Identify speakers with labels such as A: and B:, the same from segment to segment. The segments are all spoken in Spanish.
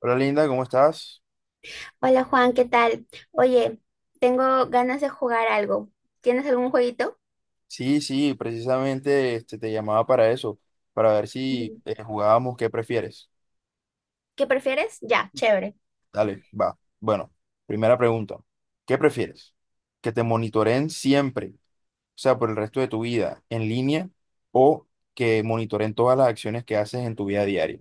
A: Hola Linda, ¿cómo estás?
B: Hola Juan, ¿qué tal? Oye, tengo ganas de jugar algo. ¿Tienes algún jueguito?
A: Sí, sí, precisamente te llamaba para eso, para ver si
B: Ujú.
A: eh, jugábamos qué prefieres.
B: ¿Qué prefieres? Ya, chévere.
A: Dale, va. Bueno, primera pregunta. ¿Qué prefieres? ¿Que te monitoreen siempre, o sea, por el resto de tu vida en línea o que monitoreen todas las acciones que haces en tu vida diaria?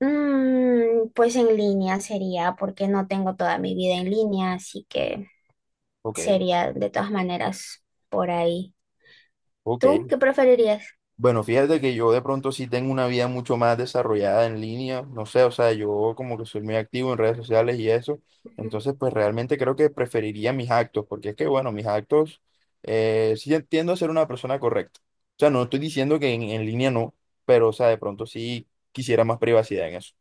B: Pues en línea sería, porque no tengo toda mi vida en línea, así que
A: Ok,
B: sería de todas maneras por ahí.
A: ok.
B: ¿Tú qué preferirías?
A: Bueno, fíjate que yo de pronto sí tengo una vida mucho más desarrollada en línea, no sé, o sea, yo como que soy muy activo en redes sociales y eso, entonces pues realmente creo que preferiría mis actos, porque es que bueno, mis actos, sí entiendo a ser una persona correcta, o sea, no estoy diciendo que en línea no, pero o sea, de pronto sí quisiera más privacidad en eso.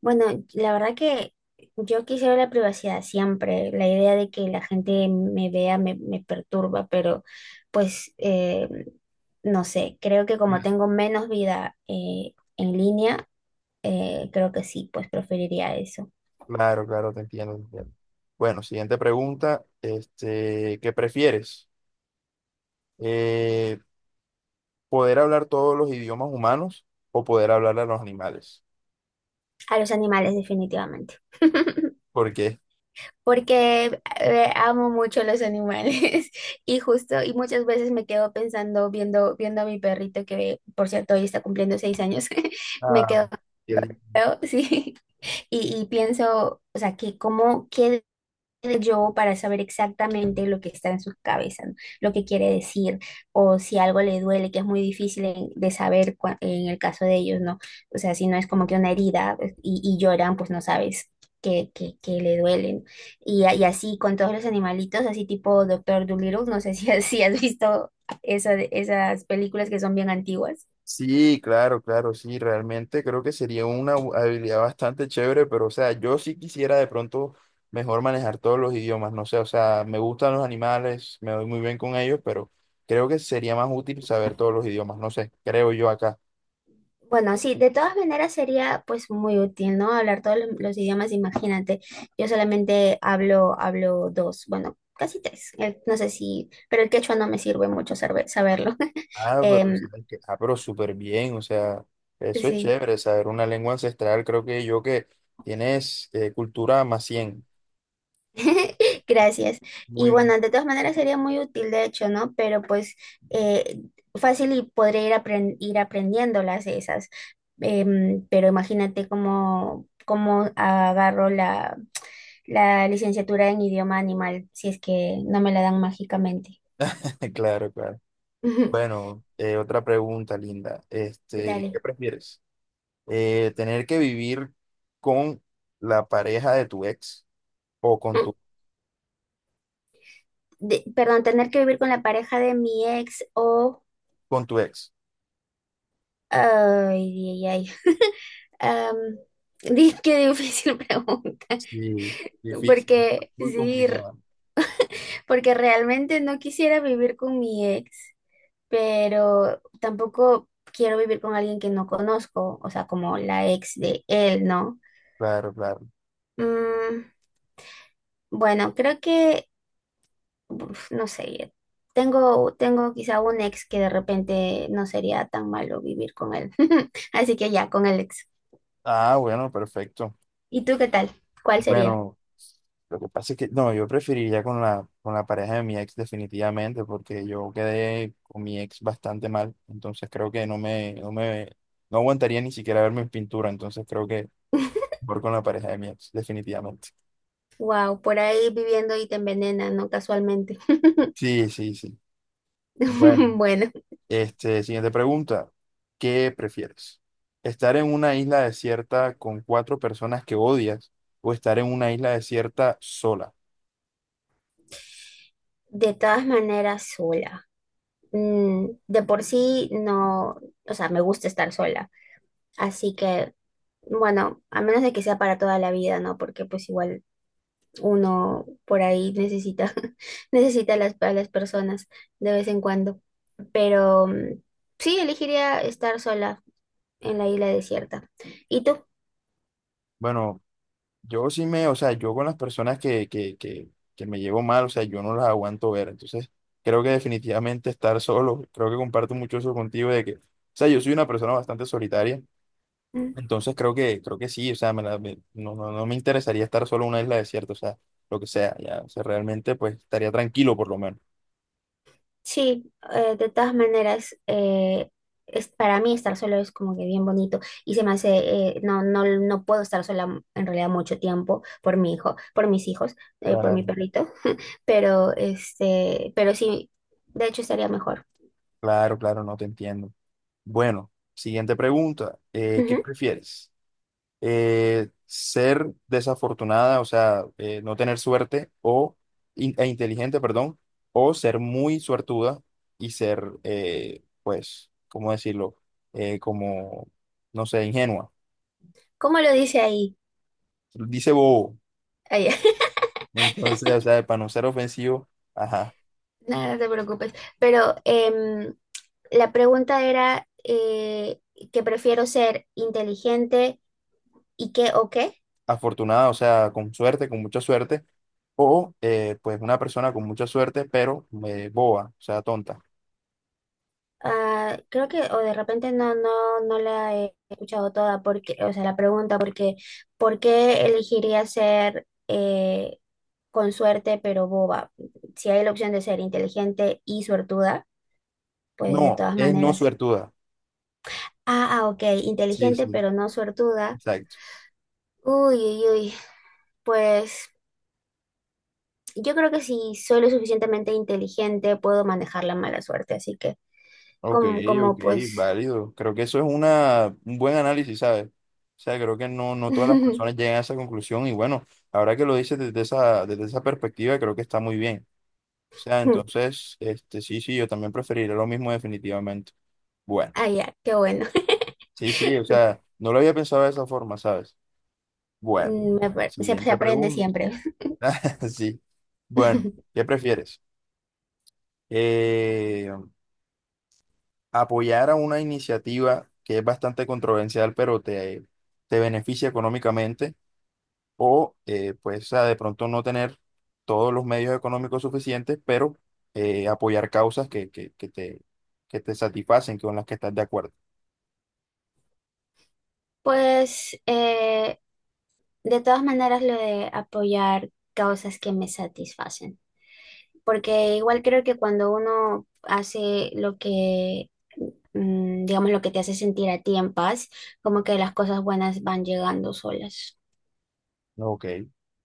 B: Bueno, la verdad que yo quisiera la privacidad siempre. La idea de que la gente me vea me perturba, pero pues no sé, creo que como tengo menos vida en línea, creo que sí, pues preferiría eso.
A: Claro, claro, te entiendo, te entiendo. Bueno, siguiente pregunta, este, ¿qué prefieres? Eh, ¿Poder hablar todos los idiomas humanos o poder hablar a los animales?
B: A los animales, definitivamente.
A: Porque,
B: Porque amo mucho los animales y justo, y muchas veces me quedo pensando, viendo a mi perrito que, por cierto, hoy está cumpliendo 6 años. Me
A: ah,
B: quedo,
A: el-
B: sí. Y pienso, o sea, que cómo quedo yo para saber exactamente lo que está en su cabeza, ¿no? Lo que quiere decir, o si algo le duele, que es muy difícil de saber en el caso de ellos, ¿no? O sea, si no es como que una herida pues, y lloran, pues no sabes que le duelen. Y así con todos los animalitos, así tipo Doctor Dolittle, no sé si, si has visto eso, esas películas que son bien antiguas.
A: sí, claro, claro, sí, realmente creo que sería una habilidad bastante chévere, pero, o sea, yo sí quisiera de pronto mejor manejar todos los idiomas, no sé, o sea, me gustan los animales, me doy muy bien con ellos, pero creo que sería más útil saber todos los idiomas, no sé, creo yo acá.
B: Bueno, sí, de todas maneras sería pues muy útil, ¿no? Hablar todos los idiomas, imagínate. Yo solamente hablo dos, bueno, casi tres. No sé si, pero el quechua no me sirve mucho saberlo.
A: Ah, pero,
B: Em,
A: ¿sabes qué? Ah, pero súper bien, o sea, eso es
B: sí.
A: chévere, saber una lengua ancestral, creo que yo que tienes cultura más 100,
B: Gracias. Y
A: muy,
B: bueno, de todas maneras sería muy útil, de hecho, ¿no? Pero pues eh, fácil y podré ir aprendiéndolas esas. Pero imagínate cómo agarro la licenciatura en idioma animal si es que no me la dan mágicamente.
A: claro, claro.
B: Ujú.
A: Bueno, otra pregunta, Linda. Este, ¿qué
B: Dale.
A: prefieres? ¿Tener que vivir con la pareja de tu ex o
B: Perdón, tener que vivir con la pareja de mi ex o.
A: con tu ex?
B: Ay, ay, ay. Am, qué difícil pregunta.
A: Sí, difícil, está
B: Porque
A: muy
B: sí,
A: complicada.
B: porque realmente no quisiera vivir con mi ex, pero tampoco quiero vivir con alguien que no conozco, o sea, como la ex de él, ¿no?
A: Claro, claro.
B: Mm, bueno, creo que, uf, no sé, tengo quizá un ex que de repente no sería tan malo vivir con él. Así que ya, con el ex.
A: Ah, bueno, perfecto.
B: ¿Y tú qué tal? ¿Cuál sería?
A: Bueno, lo que pasa es que no, yo preferiría con la pareja de mi ex definitivamente, porque yo quedé con mi ex bastante mal, entonces creo que no me no aguantaría ni siquiera ver mi pintura, entonces creo que mejor con la pareja de mi ex, definitivamente.
B: Wow, por ahí viviendo y te envenenan, ¿no? Casualmente.
A: Sí, sí, sí. Bueno,
B: Bueno.
A: este, siguiente pregunta. ¿Qué prefieres? ¿Estar en una isla desierta con cuatro personas que odias o estar en una isla desierta sola?
B: De todas maneras, sola. De por sí no, o sea, me gusta estar sola. Así que, bueno, a menos de que sea para toda la vida, ¿no? Porque pues igual uno por ahí necesita, necesita a las personas de vez en cuando. Pero sí, elegiría estar sola en la isla desierta. ¿Y tú?
A: Bueno, yo sí me, o sea, yo con las personas que me llevo mal, o sea, yo no las aguanto ver. Entonces, creo que definitivamente estar solo, creo que comparto mucho eso contigo de que, o sea, yo soy una persona bastante solitaria. Entonces creo que sí, o sea, no, no, no me interesaría estar solo en una isla desierta, o sea, lo que sea, ya, o sea, realmente pues estaría tranquilo por lo menos.
B: Sí, de todas maneras, es, para mí estar solo es como que bien bonito y se me hace, no puedo estar sola en realidad mucho tiempo por mi hijo, por mis hijos, por mi
A: Claro,
B: perrito, pero este, pero sí, de hecho estaría mejor.
A: claro, claro, no te entiendo. Bueno, siguiente pregunta, ¿qué
B: Ujú.
A: prefieres? ¿Ser desafortunada, o sea, no tener suerte o e inteligente, perdón, o ser muy suertuda y ser, pues, ¿cómo decirlo? Como, no sé, ingenua.
B: ¿Cómo lo dice ahí?
A: Dice bobo.
B: Ahí.
A: Entonces, o sea, para no ser ofensivo, ajá,
B: Nada, no te preocupes, pero la pregunta era que prefiero ser inteligente y qué o qué.
A: afortunada, o sea, con suerte, con mucha suerte, o pues una persona con mucha suerte, pero boba, o sea, tonta.
B: Ah, creo que, o de repente no la he escuchado toda, porque, o sea, la pregunta, porque, ¿por qué elegiría ser con suerte pero boba? Si hay la opción de ser inteligente y suertuda, pues de
A: No,
B: todas
A: es no
B: maneras.
A: suertuda.
B: Ah, ah, ok,
A: Sí,
B: inteligente
A: sí,
B: pero no suertuda.
A: exacto.
B: Uy, uy, uy, pues yo creo que si soy lo suficientemente inteligente puedo manejar la mala suerte, así que
A: Ok,
B: como,
A: ok,
B: como pues.
A: válido. Creo que eso es una, un buen análisis, ¿sabes? O sea, creo que no, no todas las personas llegan a esa conclusión y bueno, ahora que lo dices desde esa perspectiva, creo que está muy bien. O sea, entonces, este, sí, sí, yo también preferiría lo mismo definitivamente. Bueno.
B: Ah, ya, qué bueno.
A: Sí, sí, o sea, no lo había pensado de esa forma, ¿sabes? Bueno,
B: Se
A: siguiente
B: aprende
A: pregunta.
B: siempre.
A: Sí. Bueno, ¿qué prefieres? Eh, apoyar a una iniciativa que es bastante controversial, pero te beneficia económicamente, o pues o de pronto no tener todos los medios económicos suficientes, pero apoyar causas que te satisfacen, con las que estás de acuerdo.
B: Pues de todas maneras lo de apoyar causas que me satisfacen, porque igual creo que cuando uno hace lo que, digamos, lo que te hace sentir a ti en paz, como que las cosas buenas van llegando solas.
A: Ok,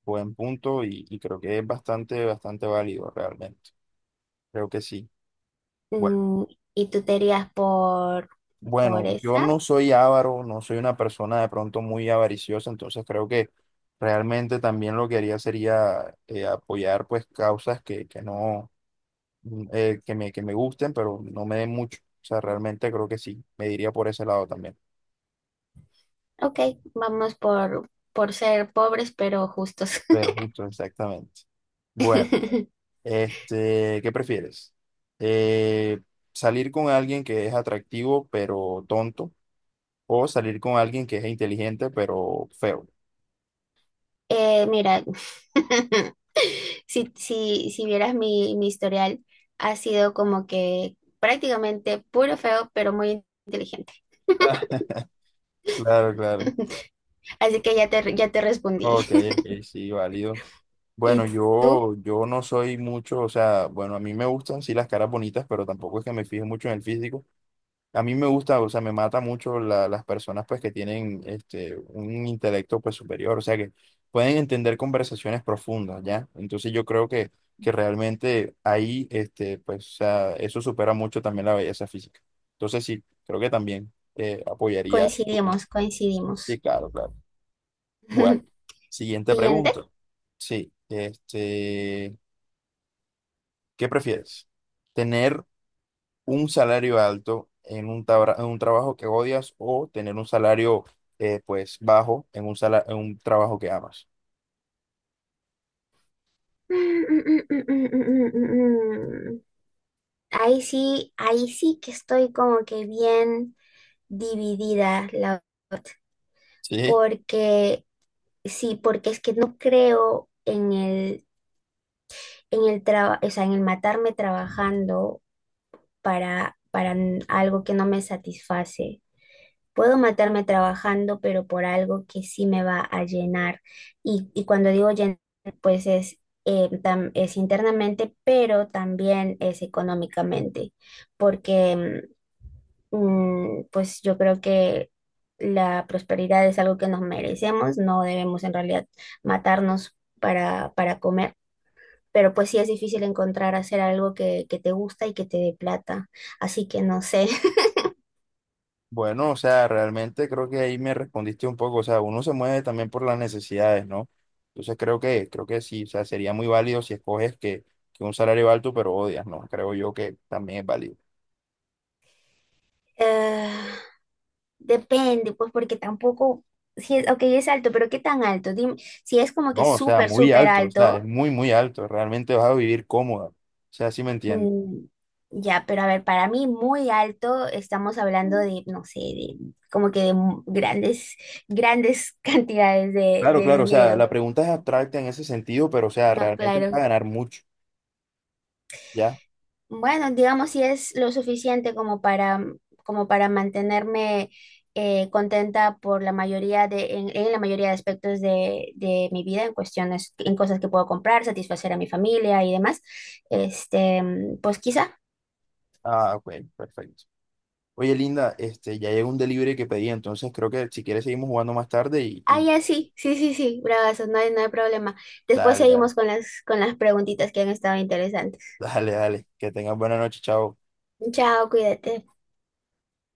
A: buen punto y creo que es bastante, bastante válido realmente. Creo que sí. Bueno,
B: Mm, y tú te irías por,
A: bueno, yo
B: esa.
A: no soy avaro, no soy una persona de pronto muy avariciosa, entonces creo que realmente también lo que haría sería apoyar pues causas que no, que me gusten, pero no me den mucho. O sea, realmente creo que sí, me diría por ese lado también.
B: Ok, vamos por ser pobres pero justos.
A: Pero justo, exactamente. Bueno, este, ¿qué prefieres? Eh, ¿Salir con alguien que es atractivo pero tonto o salir con alguien que es inteligente pero feo?
B: Mira. Si vieras mi historial, ha sido como que prácticamente puro feo, pero muy inteligente.
A: Claro, claro.
B: Así que ya te respondí.
A: Ok, ok, sí, válido. Bueno,
B: ¿Y tú?
A: yo no soy mucho, o sea, bueno, a mí me gustan, sí, las caras bonitas, pero tampoco es que me fije mucho en el físico. A mí me gusta, o sea, me mata mucho las personas, pues, que tienen, este, un intelecto, pues, superior, o sea, que pueden entender conversaciones profundas, ¿ya? Entonces yo creo que realmente ahí, este, pues, o sea, eso supera mucho también la belleza física. Entonces sí, creo que también apoyaría tu punto.
B: Coincidimos, coincidimos.
A: Sí, claro, claro. Bueno, siguiente
B: Siguiente.
A: pregunta. Sí, este, ¿qué prefieres? ¿Tener un salario alto en un, en un trabajo que odias o tener un salario pues bajo en un, en un trabajo que amas?
B: Mm, mm, mm, mm, mm, mm, mm, mm. Ahí sí que estoy como que bien dividida, la verdad,
A: Sí,
B: porque sí, porque es que no creo en el o sea, en el matarme trabajando para algo que no me satisface. Puedo matarme trabajando, pero por algo que sí me va a llenar. Y cuando digo llenar, pues es internamente, pero también es económicamente, porque pues yo creo que la prosperidad es algo que nos merecemos, no debemos en realidad matarnos para comer. Pero pues sí es difícil encontrar hacer algo que te gusta y que te dé plata. Así que no sé,
A: bueno, o sea, realmente creo que ahí me respondiste un poco, o sea, uno se mueve también por las necesidades, ¿no? Entonces creo que sí, o sea, sería muy válido si escoges que un salario alto pero odias, ¿no? Creo yo que también es válido.
B: Eh, depende, pues porque tampoco, si es, ok, es alto, pero ¿qué tan alto? Dime, si es como que
A: No, o sea,
B: súper,
A: muy
B: súper
A: alto, o sea, es
B: alto,
A: muy, muy alto, realmente vas a vivir cómoda, o sea, sí me entiendes.
B: mm, ya, pero a ver, para mí muy alto, estamos hablando de, no sé, de, como que de grandes, grandes cantidades de,
A: Claro,
B: de
A: claro, o sea,
B: dinero.
A: la pregunta es abstracta en ese sentido, pero o sea,
B: No,
A: realmente vas a
B: claro.
A: ganar mucho, ¿ya?
B: Bueno, digamos si es lo suficiente como para mantenerme contenta por la mayoría en la mayoría de aspectos de mi vida, en cuestiones, en cosas que puedo comprar, satisfacer a mi familia y demás. Este, pues quizá.
A: Ah, ok, perfecto. Oye, Linda, este, ya llegó un delivery que pedí, entonces creo que si quieres seguimos jugando más tarde
B: Ah,
A: y
B: ya sí, sí, sí, sí, bravazo, no hay problema. Después
A: dale, dale,
B: seguimos con las preguntitas que han estado interesantes.
A: dale, dale, que tengas buena noche, chao.
B: Chao, cuídate.